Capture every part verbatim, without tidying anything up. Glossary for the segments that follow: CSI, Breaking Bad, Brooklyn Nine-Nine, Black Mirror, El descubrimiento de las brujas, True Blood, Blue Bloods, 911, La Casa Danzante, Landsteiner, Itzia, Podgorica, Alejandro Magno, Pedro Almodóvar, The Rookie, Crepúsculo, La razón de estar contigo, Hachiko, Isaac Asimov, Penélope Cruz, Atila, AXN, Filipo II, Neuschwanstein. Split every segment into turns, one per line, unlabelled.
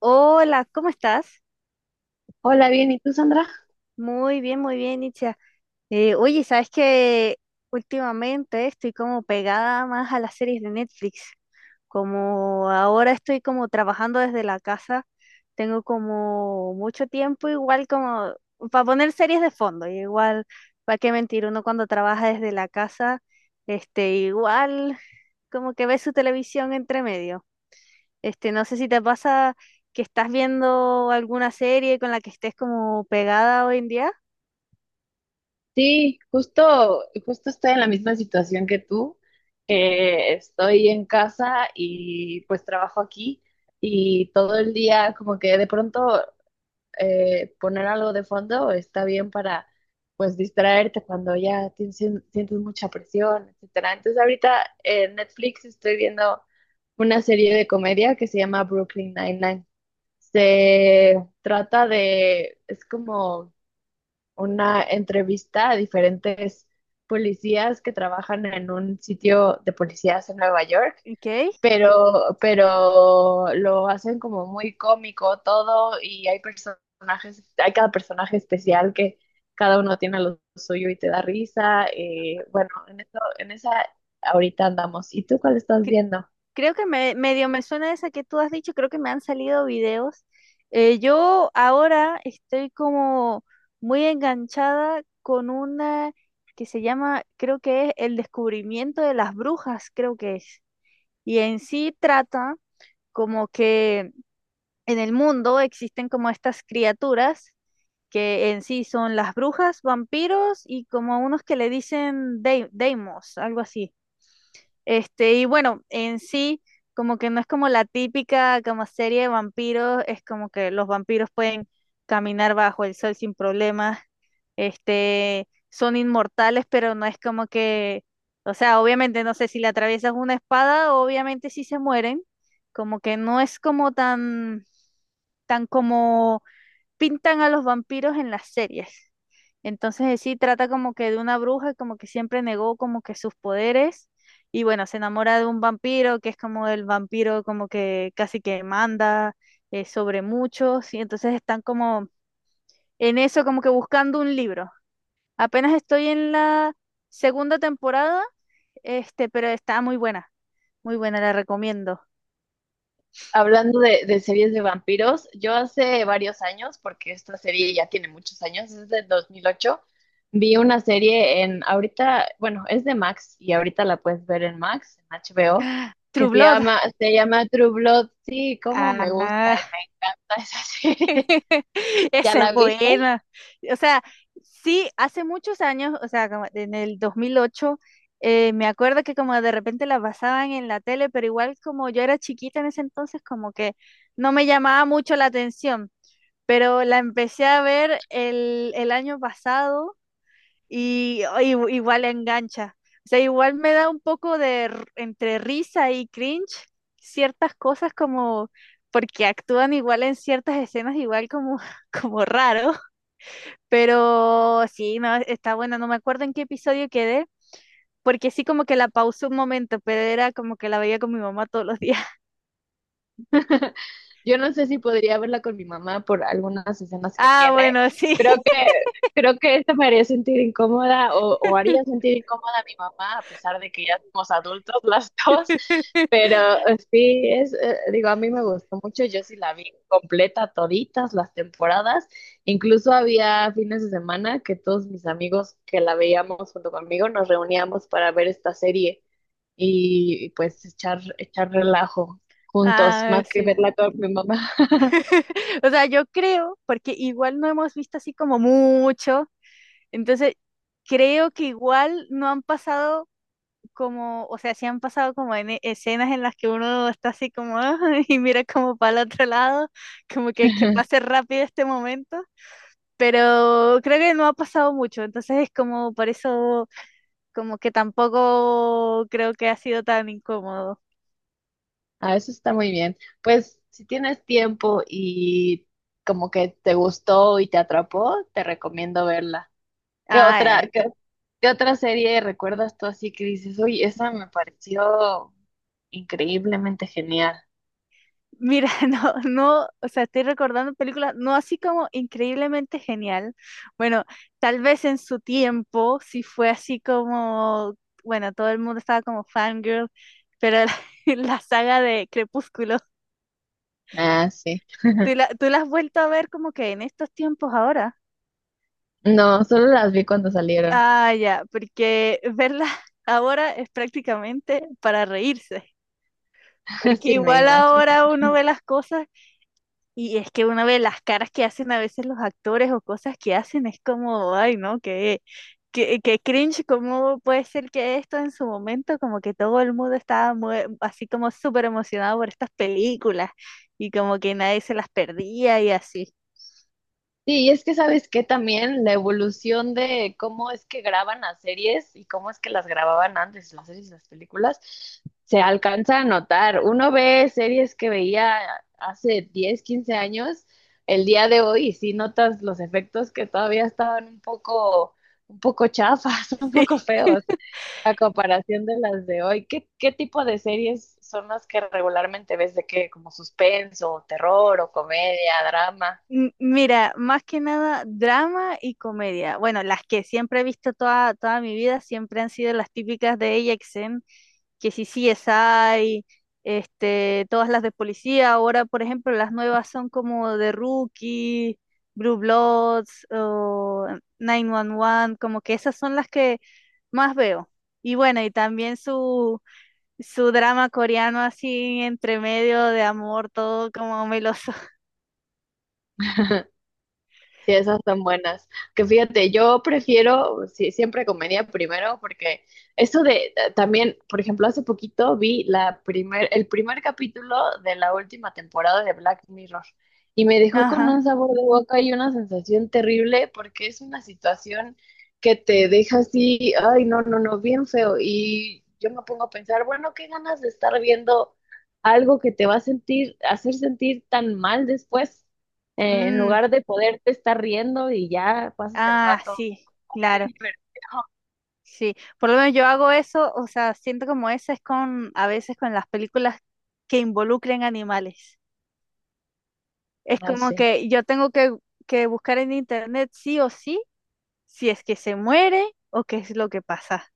Hola, ¿cómo estás?
Hola, bien, ¿y tú, Sandra?
Muy bien, muy bien, Itzia. Eh, oye, ¿sabes qué? Últimamente estoy como pegada más a las series de Netflix. Como ahora estoy como trabajando desde la casa, tengo como mucho tiempo igual como para poner series de fondo. Y igual, ¿para qué mentir? Uno cuando trabaja desde la casa, este, igual como que ve su televisión entre medio. Este, no sé si te pasa que estás viendo alguna serie con la que estés como pegada hoy en día.
Sí, justo, justo estoy en la misma situación que tú, que estoy en casa y pues trabajo aquí y todo el día como que de pronto eh, poner algo de fondo está bien para pues distraerte cuando ya tienes- sientes mucha presión, etcétera. Entonces ahorita en Netflix estoy viendo una serie de comedia que se llama Brooklyn Nine-Nine. Se trata de, es como una entrevista a diferentes policías que trabajan en un sitio de policías en Nueva York,
Ok.
pero, pero lo hacen como muy cómico todo y hay personajes, hay cada personaje especial que cada uno tiene lo suyo y te da risa. Eh, bueno, en eso, en esa ahorita andamos. ¿Y tú cuál estás
Cre-
viendo?
Creo que me, medio me suena esa que tú has dicho, creo que me han salido videos. Eh, yo ahora estoy como muy enganchada con una que se llama, creo que es El descubrimiento de las brujas, creo que es. Y en sí trata como que en el mundo existen como estas criaturas que en sí son las brujas, vampiros y como unos que le dicen dai- daimos, algo así. Este, y bueno, en sí, como que no es como la típica como serie de vampiros, es como que los vampiros pueden caminar bajo el sol sin problemas, este, son inmortales, pero no es como que, o sea, obviamente no sé si le atraviesas una espada, obviamente sí se mueren, como que no es como tan, tan como pintan a los vampiros en las series. Entonces eh, sí trata como que de una bruja, como que siempre negó como que sus poderes y bueno, se enamora de un vampiro que es como el vampiro como que casi que manda eh, sobre muchos y entonces están como en eso como que buscando un libro. Apenas estoy en la segunda temporada, este, pero está muy buena, muy buena, la recomiendo.
Hablando de, de series de vampiros, yo hace varios años, porque esta serie ya tiene muchos años, es del dos mil ocho, vi una serie en, ahorita, bueno, es de Max y ahorita la puedes ver en Max, en H B O,
True
que se
Blood.
llama, se llama True Blood. Sí, cómo me gusta,
Ah,
me encanta esa serie. ¿Ya
Esa es
la viste?
buena. O sea, sí, hace muchos años, o sea, como en el dos mil ocho, eh, me acuerdo que como de repente la pasaban en la tele, pero igual como yo era chiquita en ese entonces, como que no me llamaba mucho la atención, pero la empecé a ver el, el año pasado y, y- igual engancha. O sea, igual me da un poco de r- entre risa y cringe ciertas cosas como porque actúan igual en ciertas escenas igual como como raro, pero sí, no, está buena, no me acuerdo en qué episodio quedé. Porque sí, como que la pausé un momento, pero era como que la veía con mi mamá todos los días.
Yo no sé si podría verla con mi mamá por algunas escenas que
Ah,
tiene.
bueno, sí.
creo Creo que esto me haría sentir incómoda o, o haría sentir incómoda a mi mamá, a pesar de que ya somos adultos las dos, pero eh, sí, es, eh, digo, a mí me gustó mucho, yo sí la vi completa, toditas las temporadas, incluso había fines de semana que todos mis amigos que la veíamos junto conmigo nos reuníamos para ver esta serie y, y, pues echar, echar relajo juntos,
Ah,
más que
sí.
verla con mi mamá.
O sea, yo creo, porque igual no hemos visto así como mucho, entonces, creo que igual no han pasado como, o sea, sí han pasado como en e- escenas en las que uno está así como "Ah", y mira como para el otro lado, como que, que pase rápido este momento, pero creo que no ha pasado mucho, entonces es como por eso como que tampoco creo que ha sido tan incómodo.
Ah, eso está muy bien. Pues si tienes tiempo y como que te gustó y te atrapó, te recomiendo verla. ¿Qué
Ah,
otra,
eh.
qué, qué otra serie recuerdas tú así que dices, uy, esa me pareció increíblemente genial?
Mira, no, no, o sea, estoy recordando películas, no así como increíblemente genial. Bueno, tal vez en su tiempo sí fue así como, bueno, todo el mundo estaba como fangirl, pero la, la saga de Crepúsculo,
Ah, sí.
¿tú la, tú la has vuelto a ver como que en estos tiempos ahora?
No, solo las vi cuando salieron.
Ah, ya, porque verla ahora es prácticamente para reírse, porque
Sí, me
igual
imagino.
ahora uno ve las cosas. Y es que uno ve las caras que hacen a veces los actores o cosas que hacen, es como, ay, no, que qué, qué cringe, cómo puede ser que esto en su momento, como que todo el mundo estaba mue- así como súper emocionado por estas películas y como que nadie se las perdía y así.
Sí, y es que sabes que también la evolución de cómo es que graban las series y cómo es que las grababan antes, las series y las películas, se alcanza a notar. Uno ve series que veía hace diez, quince años, el día de hoy, y sí notas los efectos que todavía estaban un poco, un poco chafas, un poco feos, a comparación de las de hoy. ¿Qué, qué tipo de series son las que regularmente ves de qué? Como suspenso, terror o comedia, drama.
M- Mira, más que nada drama y comedia. Bueno, las que siempre he visto toda, toda mi vida siempre han sido las típicas de A X N, que si C S I, este, todas las de policía. Ahora, por ejemplo, las nuevas son como The Rookie, Blue Bloods o nueve once, como que esas son las que más veo. Y bueno, y también su, su drama coreano así entre medio de amor, todo como meloso.
Sí, esas son buenas. Que fíjate, yo prefiero, sí, siempre comedia primero, porque eso de eh, también, por ejemplo, hace poquito vi la primer, el primer capítulo de la última temporada de Black Mirror y me dejó con
Ajá.
un sabor de boca y una sensación terrible porque es una situación que te deja así, ay, no, no, no, bien feo. Y yo me pongo a pensar, bueno, qué ganas de estar viendo algo que te va a sentir, hacer sentir tan mal después eh, en
Mm.
lugar de poderte estar riendo y ya pasas el
Ah,
rato
sí,
bien
claro,
divertido.
sí. Por lo menos yo hago eso, o sea, siento como eso es con, a veces con las películas que involucren animales. Es
No
como
sé.
que yo tengo que, que buscar en internet sí o sí si es que se muere o qué es lo que pasa.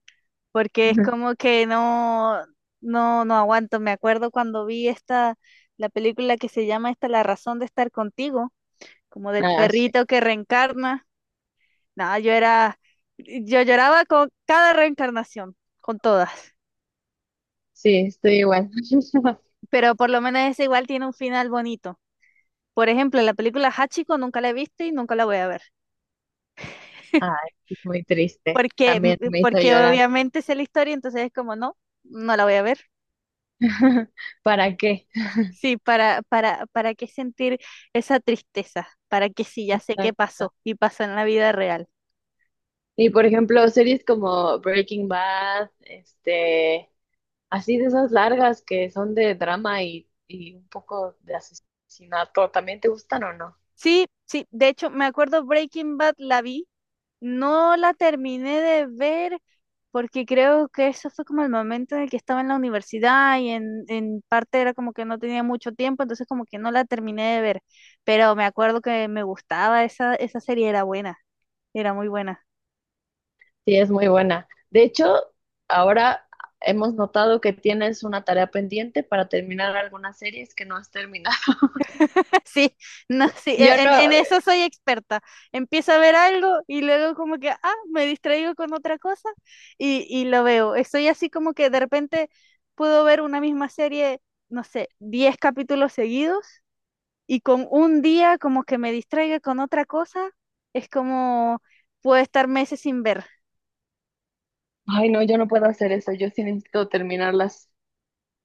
Porque es
Ujú.
como que no, no, no aguanto. Me acuerdo cuando vi esta, la película que se llama esta, La razón de estar contigo, como del
Ah, sí.
perrito que reencarna. Nada, yo era, yo lloraba con cada reencarnación, con todas.
Sí, estoy igual.
Pero por lo menos esa igual tiene un final bonito. Por ejemplo, la película Hachiko nunca la he visto y nunca la voy a ver.
Ah, es muy triste.
Porque,
También me hizo
porque
llorar.
obviamente sé la historia, entonces es como, no, no la voy a ver.
¿Para qué?
Sí, para, para, para qué sentir esa tristeza, para que sí, ya sé qué pasó y pasó en la vida real.
Y por ejemplo, series como Breaking Bad, este, así de esas largas que son de drama y, y un poco de asesinato, ¿también te gustan o no?
Sí, sí, de hecho me acuerdo Breaking Bad la vi. No la terminé de ver porque creo que eso fue como el momento en el que estaba en la universidad y en, en parte era como que no tenía mucho tiempo, entonces como que no la terminé de ver, pero me acuerdo que me gustaba esa, esa serie, era buena, era muy buena.
Sí, es muy buena. De hecho, ahora hemos notado que tienes una tarea pendiente para terminar algunas series que no has terminado.
Sí, no, sí,
Yo
e- en,
no,
en eso soy experta. Empiezo a ver algo y luego como que, ah, me distraigo con otra cosa y, y lo veo. Estoy así como que de repente puedo ver una misma serie, no sé, diez capítulos seguidos y con un día como que me distraiga con otra cosa, es como puedo estar meses sin ver.
ay no, yo no puedo hacer eso. Yo sí necesito terminarlas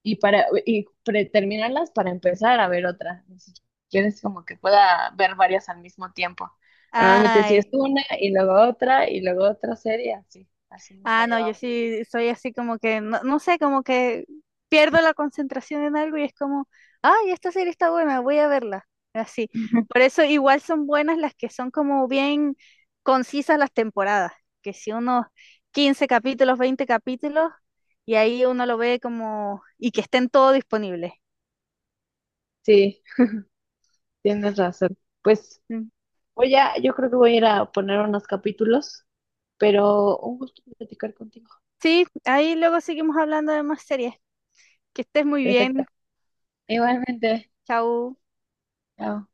y para y pre- terminarlas para empezar a ver otra. Ni siquiera es como que pueda ver varias al mismo tiempo. Normalmente sí es
Ay,
una y luego otra y luego otra serie, así, así nos la
ah, no, yo
llevamos.
sí soy así como que, no, no sé, como que pierdo la concentración en algo y es como, ay, esta serie está buena, voy a verla. Así. Por eso igual son buenas las que son como bien concisas las temporadas, que si unos quince capítulos, veinte capítulos, y ahí uno lo ve como, y que estén todo disponibles.
Sí, tienes razón. Pues Voy a, yo creo que voy a ir a poner unos capítulos, pero un gusto platicar contigo.
Sí, ahí luego seguimos hablando de más series. Que estés muy
Perfecto.
bien.
Igualmente.
Chau.
Chao.